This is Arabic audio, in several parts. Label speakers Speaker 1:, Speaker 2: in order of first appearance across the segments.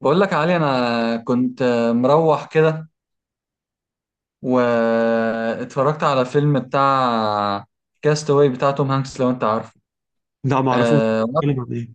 Speaker 1: بقول لك يا علي انا كنت مروح كده واتفرجت على فيلم بتاع كاستاوي بتاع توم هانكس لو انت عارفه.
Speaker 2: لا ما اعرفوش.
Speaker 1: وقت
Speaker 2: بيتكلم عن ايه؟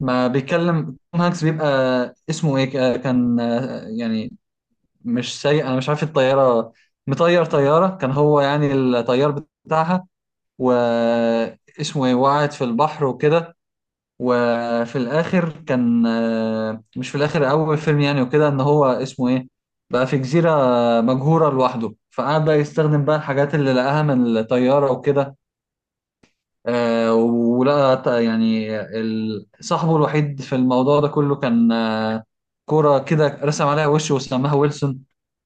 Speaker 1: ما بيتكلم توم هانكس بيبقى اسمه ايه كان يعني مش سايق. انا مش عارف الطياره مطير طياره كان هو يعني الطيار بتاعها واسمه ايه وقعت في البحر وكده. وفي الاخر كان مش في الاخر اول فيلم يعني وكده ان هو اسمه ايه بقى في جزيرة مجهورة لوحده فقعد بقى يستخدم بقى الحاجات اللي لقاها من الطيارة وكده. آه، ولا ت- يعني ال- صاحبه الوحيد في الموضوع ده كله كان كرة كده رسم عليها وش وسماها ويلسون.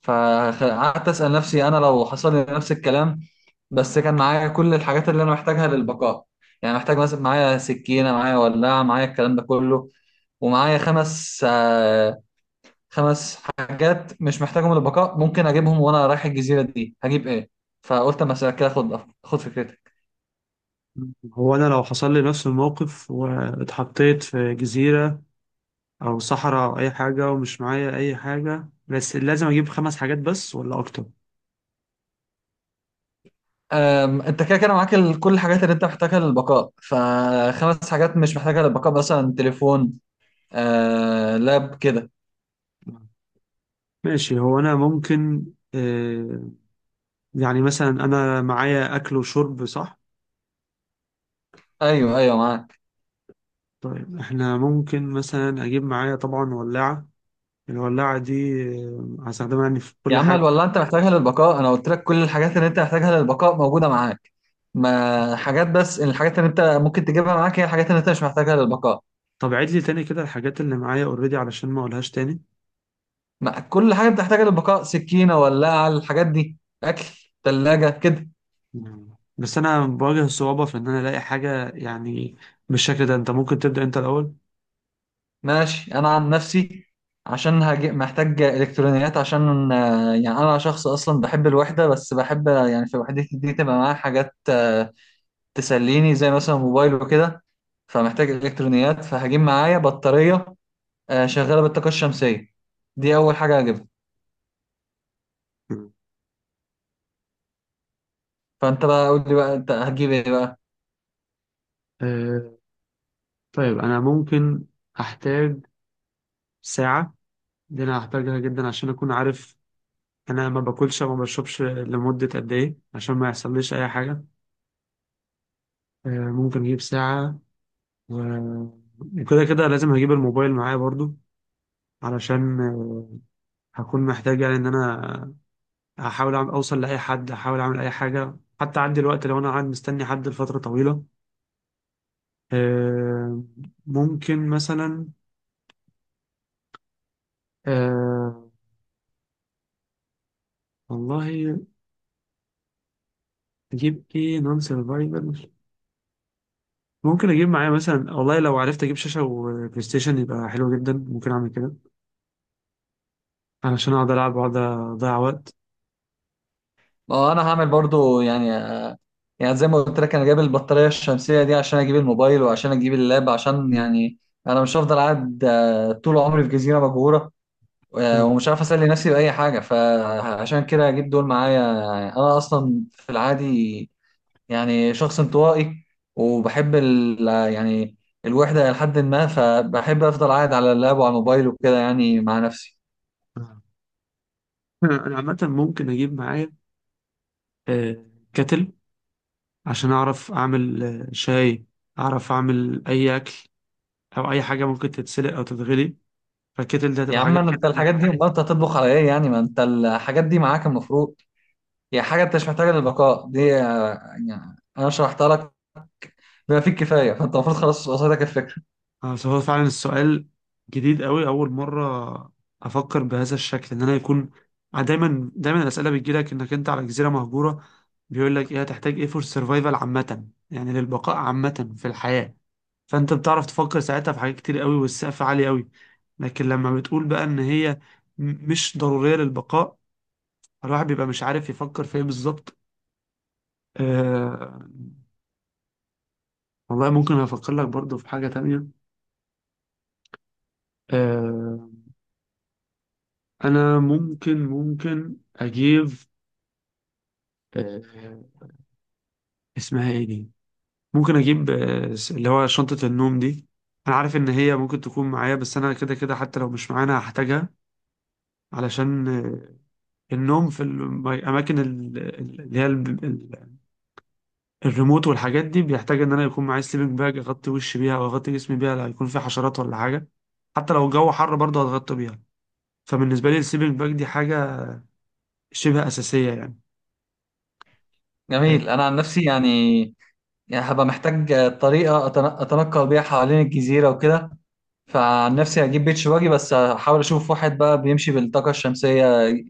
Speaker 1: فقعدت أسأل نفسي أنا لو حصل لي نفس الكلام بس كان معايا كل الحاجات اللي أنا محتاجها للبقاء. يعني محتاج مثلا معايا سكينة معايا ولاعة معايا الكلام ده كله ومعايا خمس حاجات مش محتاجهم للبقاء ممكن أجيبهم وأنا رايح الجزيرة دي هجيب إيه؟ فقلت أما أسألك كده خد خد فكرتك.
Speaker 2: هو انا لو حصل لي نفس الموقف واتحطيت في جزيرة او صحراء او اي حاجة ومش معايا اي حاجة، بس لازم اجيب خمس حاجات بس ولا اكتر؟
Speaker 1: انت كده كده معاك كل الحاجات اللي انت محتاجها للبقاء ف5 حاجات مش محتاجها للبقاء مثلا تليفون لاب كده.
Speaker 2: ماشي، هو انا ممكن آه، يعني مثلا انا معايا اكل وشرب، صح؟
Speaker 1: ايوه ايوه معاك.
Speaker 2: طيب احنا ممكن مثلا اجيب معايا طبعا ولاعة. الولاعة دي هستخدمها يعني في
Speaker 1: يا
Speaker 2: كل
Speaker 1: عم
Speaker 2: حاجة.
Speaker 1: ولا انت محتاجها للبقاء انا قلت لك كل الحاجات اللي انت محتاجها للبقاء موجوده معاك. ما حاجات بس الحاجات اللي انت ممكن تجيبها معاك هي الحاجات اللي انت مش محتاجها للبقاء.
Speaker 2: طب عيد لي تاني كده الحاجات اللي معايا اوريدي علشان ما اقولهاش تاني.
Speaker 1: ما كل حاجه بتحتاجها للبقاء سكينه ولاعه الحاجات دي اكل ثلاجه كده.
Speaker 2: بس انا بواجه الصعوبة في ان انا الاقي حاجة يعني بالشكل ده، انت ممكن تبدأ انت الاول.
Speaker 1: ماشي انا عن نفسي عشان هجي محتاج الكترونيات عشان يعني انا شخص اصلا بحب الوحده بس بحب يعني في وحدتي دي تبقى معايا حاجات تسليني زي مثلا موبايل وكده. فمحتاج الكترونيات فهجيب معايا بطاريه شغاله بالطاقه الشمسيه دي اول حاجه هجيبها.
Speaker 2: مم.
Speaker 1: فانت بقى قول لي بقى انت هتجيب ايه بقى؟
Speaker 2: أه طيب انا ممكن هحتاج ساعة. دي انا هحتاجها جدا عشان اكون عارف انا ما باكلش وما بشربش لمدة قد ايه عشان ما يحصليش اي حاجة. أه، ممكن اجيب ساعة و- وكده كده لازم هجيب الموبايل معايا برضو، علشان هكون محتاج يعني ان انا اوصل لاي حد، هحاول اعمل اي حاجة حتى عندي الوقت لو انا قاعد مستني حد لفترة طويلة. آه ممكن مثلا آه والله اجيب ايه نون سرفايفل. ممكن اجيب معايا مثلا، والله لو عرفت اجيب شاشه وبلاي ستيشن يبقى حلو جدا، ممكن اعمل كده علشان اقعد العب واقعد اضيع وقت.
Speaker 1: ما هو انا هعمل برضو يعني زي ما قلت لك انا جايب البطاريه الشمسيه دي عشان اجيب الموبايل وعشان اجيب اللاب عشان يعني انا مش هفضل قاعد طول عمري في جزيره مهجوره
Speaker 2: آه.
Speaker 1: ومش عارف اسلي نفسي باي حاجه فعشان كده اجيب دول معايا. انا اصلا في العادي يعني شخص انطوائي وبحب ال يعني الوحده لحد ما فبحب افضل قاعد على اللاب وعلى الموبايل وكده يعني مع نفسي.
Speaker 2: آه. انا عامه ممكن اجيب معايا آه كاتل عشان اعرف اعمل شاي، اعرف اعمل اي اكل او اي حاجه ممكن تتسلق او تتغلي. فالكاتل ده
Speaker 1: يا
Speaker 2: هتبقى حاجه.
Speaker 1: عم انت الحاجات دي ما انت هتطبخ على ايه يعني ما انت الحاجات دي معاك المفروض. يعني حاجه انت مش محتاجه للبقاء دي يعني انا شرحتها لك بما فيه الكفايه فانت المفروض خلاص وصلتك الفكره.
Speaker 2: فهو فعلا السؤال جديد قوي، اول مره افكر بهذا الشكل ان انا يكون دايما دايما الاسئله بتجيلك انك انت على جزيره مهجوره، بيقول لك ايه هتحتاج ايه فور سرفايفل عامه يعني للبقاء عامه في الحياه، فانت بتعرف تفكر ساعتها في حاجات كتير قوي والسقف عالي قوي. لكن لما بتقول بقى ان هي مش ضروريه للبقاء، الواحد بيبقى مش عارف يفكر في ايه بالظبط. آه والله ممكن افكر لك برضو في حاجه تانية. آه، انا ممكن اجيب آه، اسمها ايه دي؟ ممكن اجيب اللي هو شنطة النوم دي. انا عارف ان هي ممكن تكون معايا، بس انا كده كده حتى لو مش معانا هحتاجها، علشان النوم في الاماكن اللي هي الريموت والحاجات دي بيحتاج ان انا يكون معايا سليبنج باج اغطي وشي بيها او اغطي جسمي بيها لا يكون في حشرات ولا حاجة. حتى لو الجو حر برضه هتغطي بيها. فبالنسبة لي السليبنج باج دي حاجة شبه أساسية يعني. آه،
Speaker 1: جميل انا عن نفسي يعني هبقى محتاج طريقه اتنقل بيها حوالين الجزيره وكده. فعن نفسي هجيب بيتش باجي بس هحاول اشوف واحد بقى بيمشي بالطاقه الشمسيه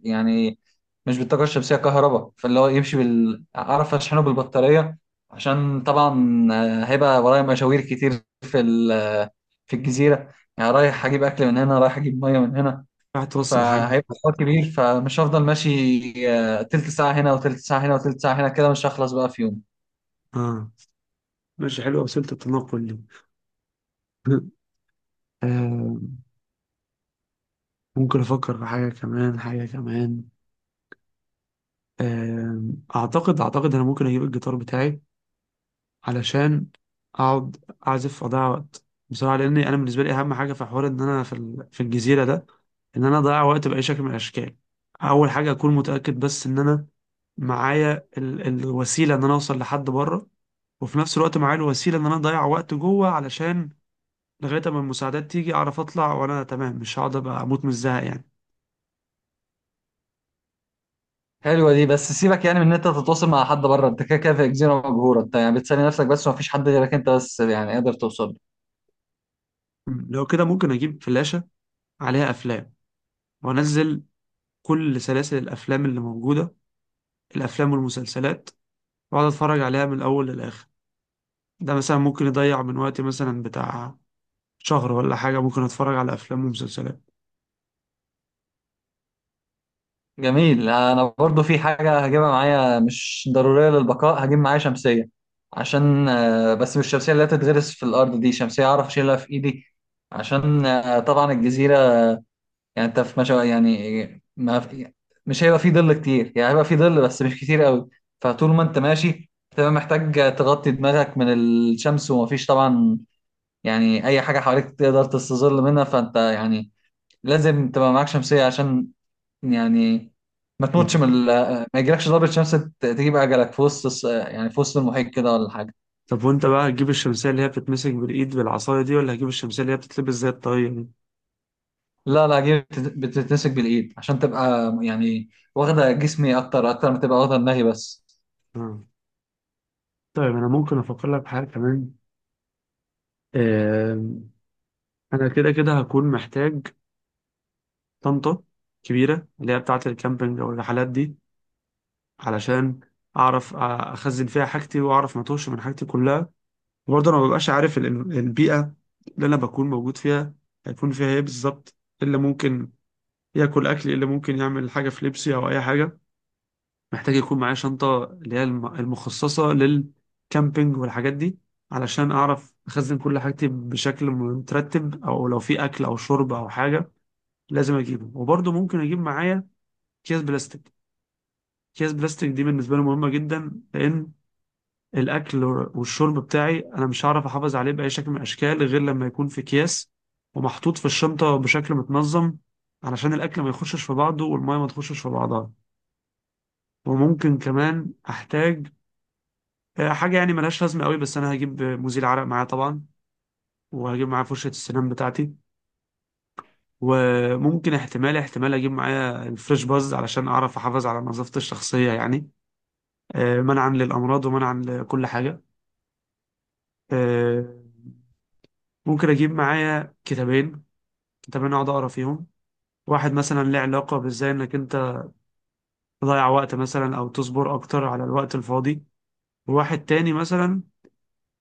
Speaker 1: يعني مش بالطاقه الشمسيه كهرباء فاللي هو يمشي بال اعرف اشحنه بالبطاريه. عشان طبعا هيبقى ورايا مشاوير كتير في في الجزيره يعني رايح اجيب اكل من هنا رايح اجيب ميه من هنا
Speaker 2: راح توصل حاجة.
Speaker 1: فهيبقى حوار كبير فمش هفضل ماشي تلت ساعة هنا وتلت ساعة هنا وتلت ساعة هنا كده مش هخلص بقى في يوم.
Speaker 2: اه، ماشي، حلوة وسيلة التنقل دي. آه، ممكن أفكر في حاجة كمان، حاجة كمان. آه، أعتقد أنا ممكن أجيب الجيتار بتاعي علشان أقعد أعزف، أضيع وقت بصراحة. لأن أنا بالنسبة لي أهم حاجة في حوار إن أنا في في الجزيرة ده إن أنا أضيع وقت بأي شكل من الأشكال. أول حاجة أكون متأكد بس إن أنا معايا الوسيلة إن أنا أوصل لحد بره، وفي نفس الوقت معايا الوسيلة إن أنا أضيع وقت جوه علشان لغاية اما المساعدات تيجي اعرف اطلع وانا تمام، مش هقعد ابقى اموت من الزهق يعني.
Speaker 1: حلوة دي بس سيبك يعني من ان انت تتواصل مع حد بره انت كده كده في جزيرة مجهورة انت يعني بتسلي نفسك بس ومفيش حد غيرك انت بس يعني قادر توصل له.
Speaker 2: مم. لو كده ممكن اجيب فلاشة عليها افلام، وانزل كل سلاسل الافلام اللي موجودة، الافلام والمسلسلات، واقعد اتفرج عليها من الاول للاخر. ده مثلا ممكن يضيع من وقتي مثلا بتاع شهر ولا حاجة، ممكن اتفرج على افلام ومسلسلات.
Speaker 1: جميل انا برضو في حاجة هجيبها معايا مش ضرورية للبقاء هجيب معايا شمسية عشان بس مش الشمسية اللي هتتغرس في الأرض دي شمسية أعرف أشيلها في إيدي. عشان طبعا الجزيرة يعني انت في مشا يعني ما في مش هيبقى في ظل كتير يعني هيبقى في ظل بس مش كتير قوي. فطول ما انت ماشي تبقى محتاج تغطي دماغك من الشمس ومفيش طبعا يعني اي حاجة حواليك تقدر تستظل منها فانت يعني لازم تبقى معاك شمسية عشان يعني ما
Speaker 2: مم.
Speaker 1: تموتش من ما يجيلكش ضربة شمس تجيب اجلك في وسط يعني في وسط المحيط كده ولا حاجة.
Speaker 2: طب وانت بقى هتجيب الشمسية اللي هي بتتمسك بالايد بالعصاية دي، ولا هتجيب الشمسية اللي هي بتتلبس زي الطاقية دي؟
Speaker 1: لا لا دي بتتمسك بالايد عشان تبقى يعني واخدة جسمي اكتر اكتر ما تبقى واخدة دماغي بس.
Speaker 2: مم. طيب انا ممكن افكر لك بحاجة كمان. آم، انا كده كده هكون محتاج طنطا كبيرة اللي هي بتاعة الكامبينج أو الرحلات دي، علشان أعرف أخزن فيها حاجتي وأعرف ما أتوهش من حاجتي كلها. وبرضه أنا ما ببقاش عارف البيئة اللي أنا بكون موجود فيها هيكون فيها إيه بالظبط، إيه اللي ممكن ياكل أكل، إيه اللي ممكن يعمل حاجة في لبسي أو أي حاجة. محتاج يكون معايا شنطة اللي هي المخصصة للكامبينج والحاجات دي علشان أعرف أخزن كل حاجتي بشكل مترتب، أو لو في أكل أو شرب أو حاجة لازم أجيبه. وبرضه ممكن أجيب معايا أكياس بلاستيك. اكياس بلاستيك دي بالنسبه لي مهمه جدا، لان الاكل والشرب بتاعي انا مش هعرف احافظ عليه باي شكل من الاشكال غير لما يكون في اكياس ومحطوط في الشنطه بشكل متنظم، علشان الاكل ما يخشش في بعضه والميه ما تخشش في بعضها. وممكن كمان احتاج حاجه يعني ملهاش لازمه قوي، بس انا هجيب مزيل عرق معايا طبعا، وهجيب معايا فرشه السنان بتاعتي. وممكن احتمال اجيب معايا الفريش باز علشان اعرف احافظ على نظافتي الشخصيه يعني، منعا للامراض ومنعا لكل حاجه. آه، ممكن اجيب معايا كتابين. كتابين اقعد اقرا فيهم، واحد مثلا ليه علاقة بازاي انك انت تضيع وقت مثلا او تصبر اكتر على الوقت الفاضي، وواحد تاني مثلا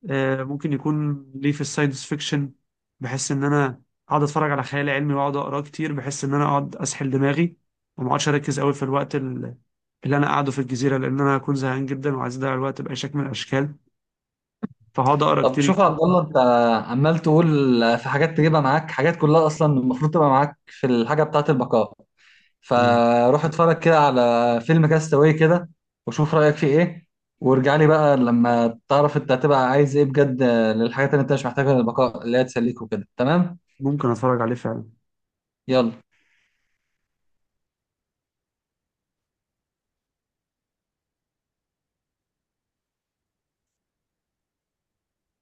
Speaker 2: ممكن يكون ليه في الساينس فيكشن. بحس ان انا اقعد اتفرج على خيال علمي واقعد اقراه كتير، بحس ان انا اقعد اسحل دماغي وما اقعدش اركز قوي في الوقت اللي انا قاعده في الجزيرة، لان انا هكون زهقان جدا وعايز اضيع الوقت باي شكل من الاشكال، فهقعد اقرا
Speaker 1: طب
Speaker 2: كتير
Speaker 1: شوف يا
Speaker 2: جدا.
Speaker 1: عبد الله انت عمال تقول في حاجات تجيبها معاك حاجات كلها اصلا المفروض تبقى معاك في الحاجه بتاعه البقاء.
Speaker 2: مم.
Speaker 1: فروح اتفرج كده على فيلم كاستاوي كده وشوف رايك فيه ايه وارجع لي بقى لما تعرف انت هتبقى عايز ايه بجد للحاجات اللي انت مش محتاجها للبقاء اللي هي تسليك وكده تمام.
Speaker 2: ممكن اتفرج عليه فعلا.
Speaker 1: يلا.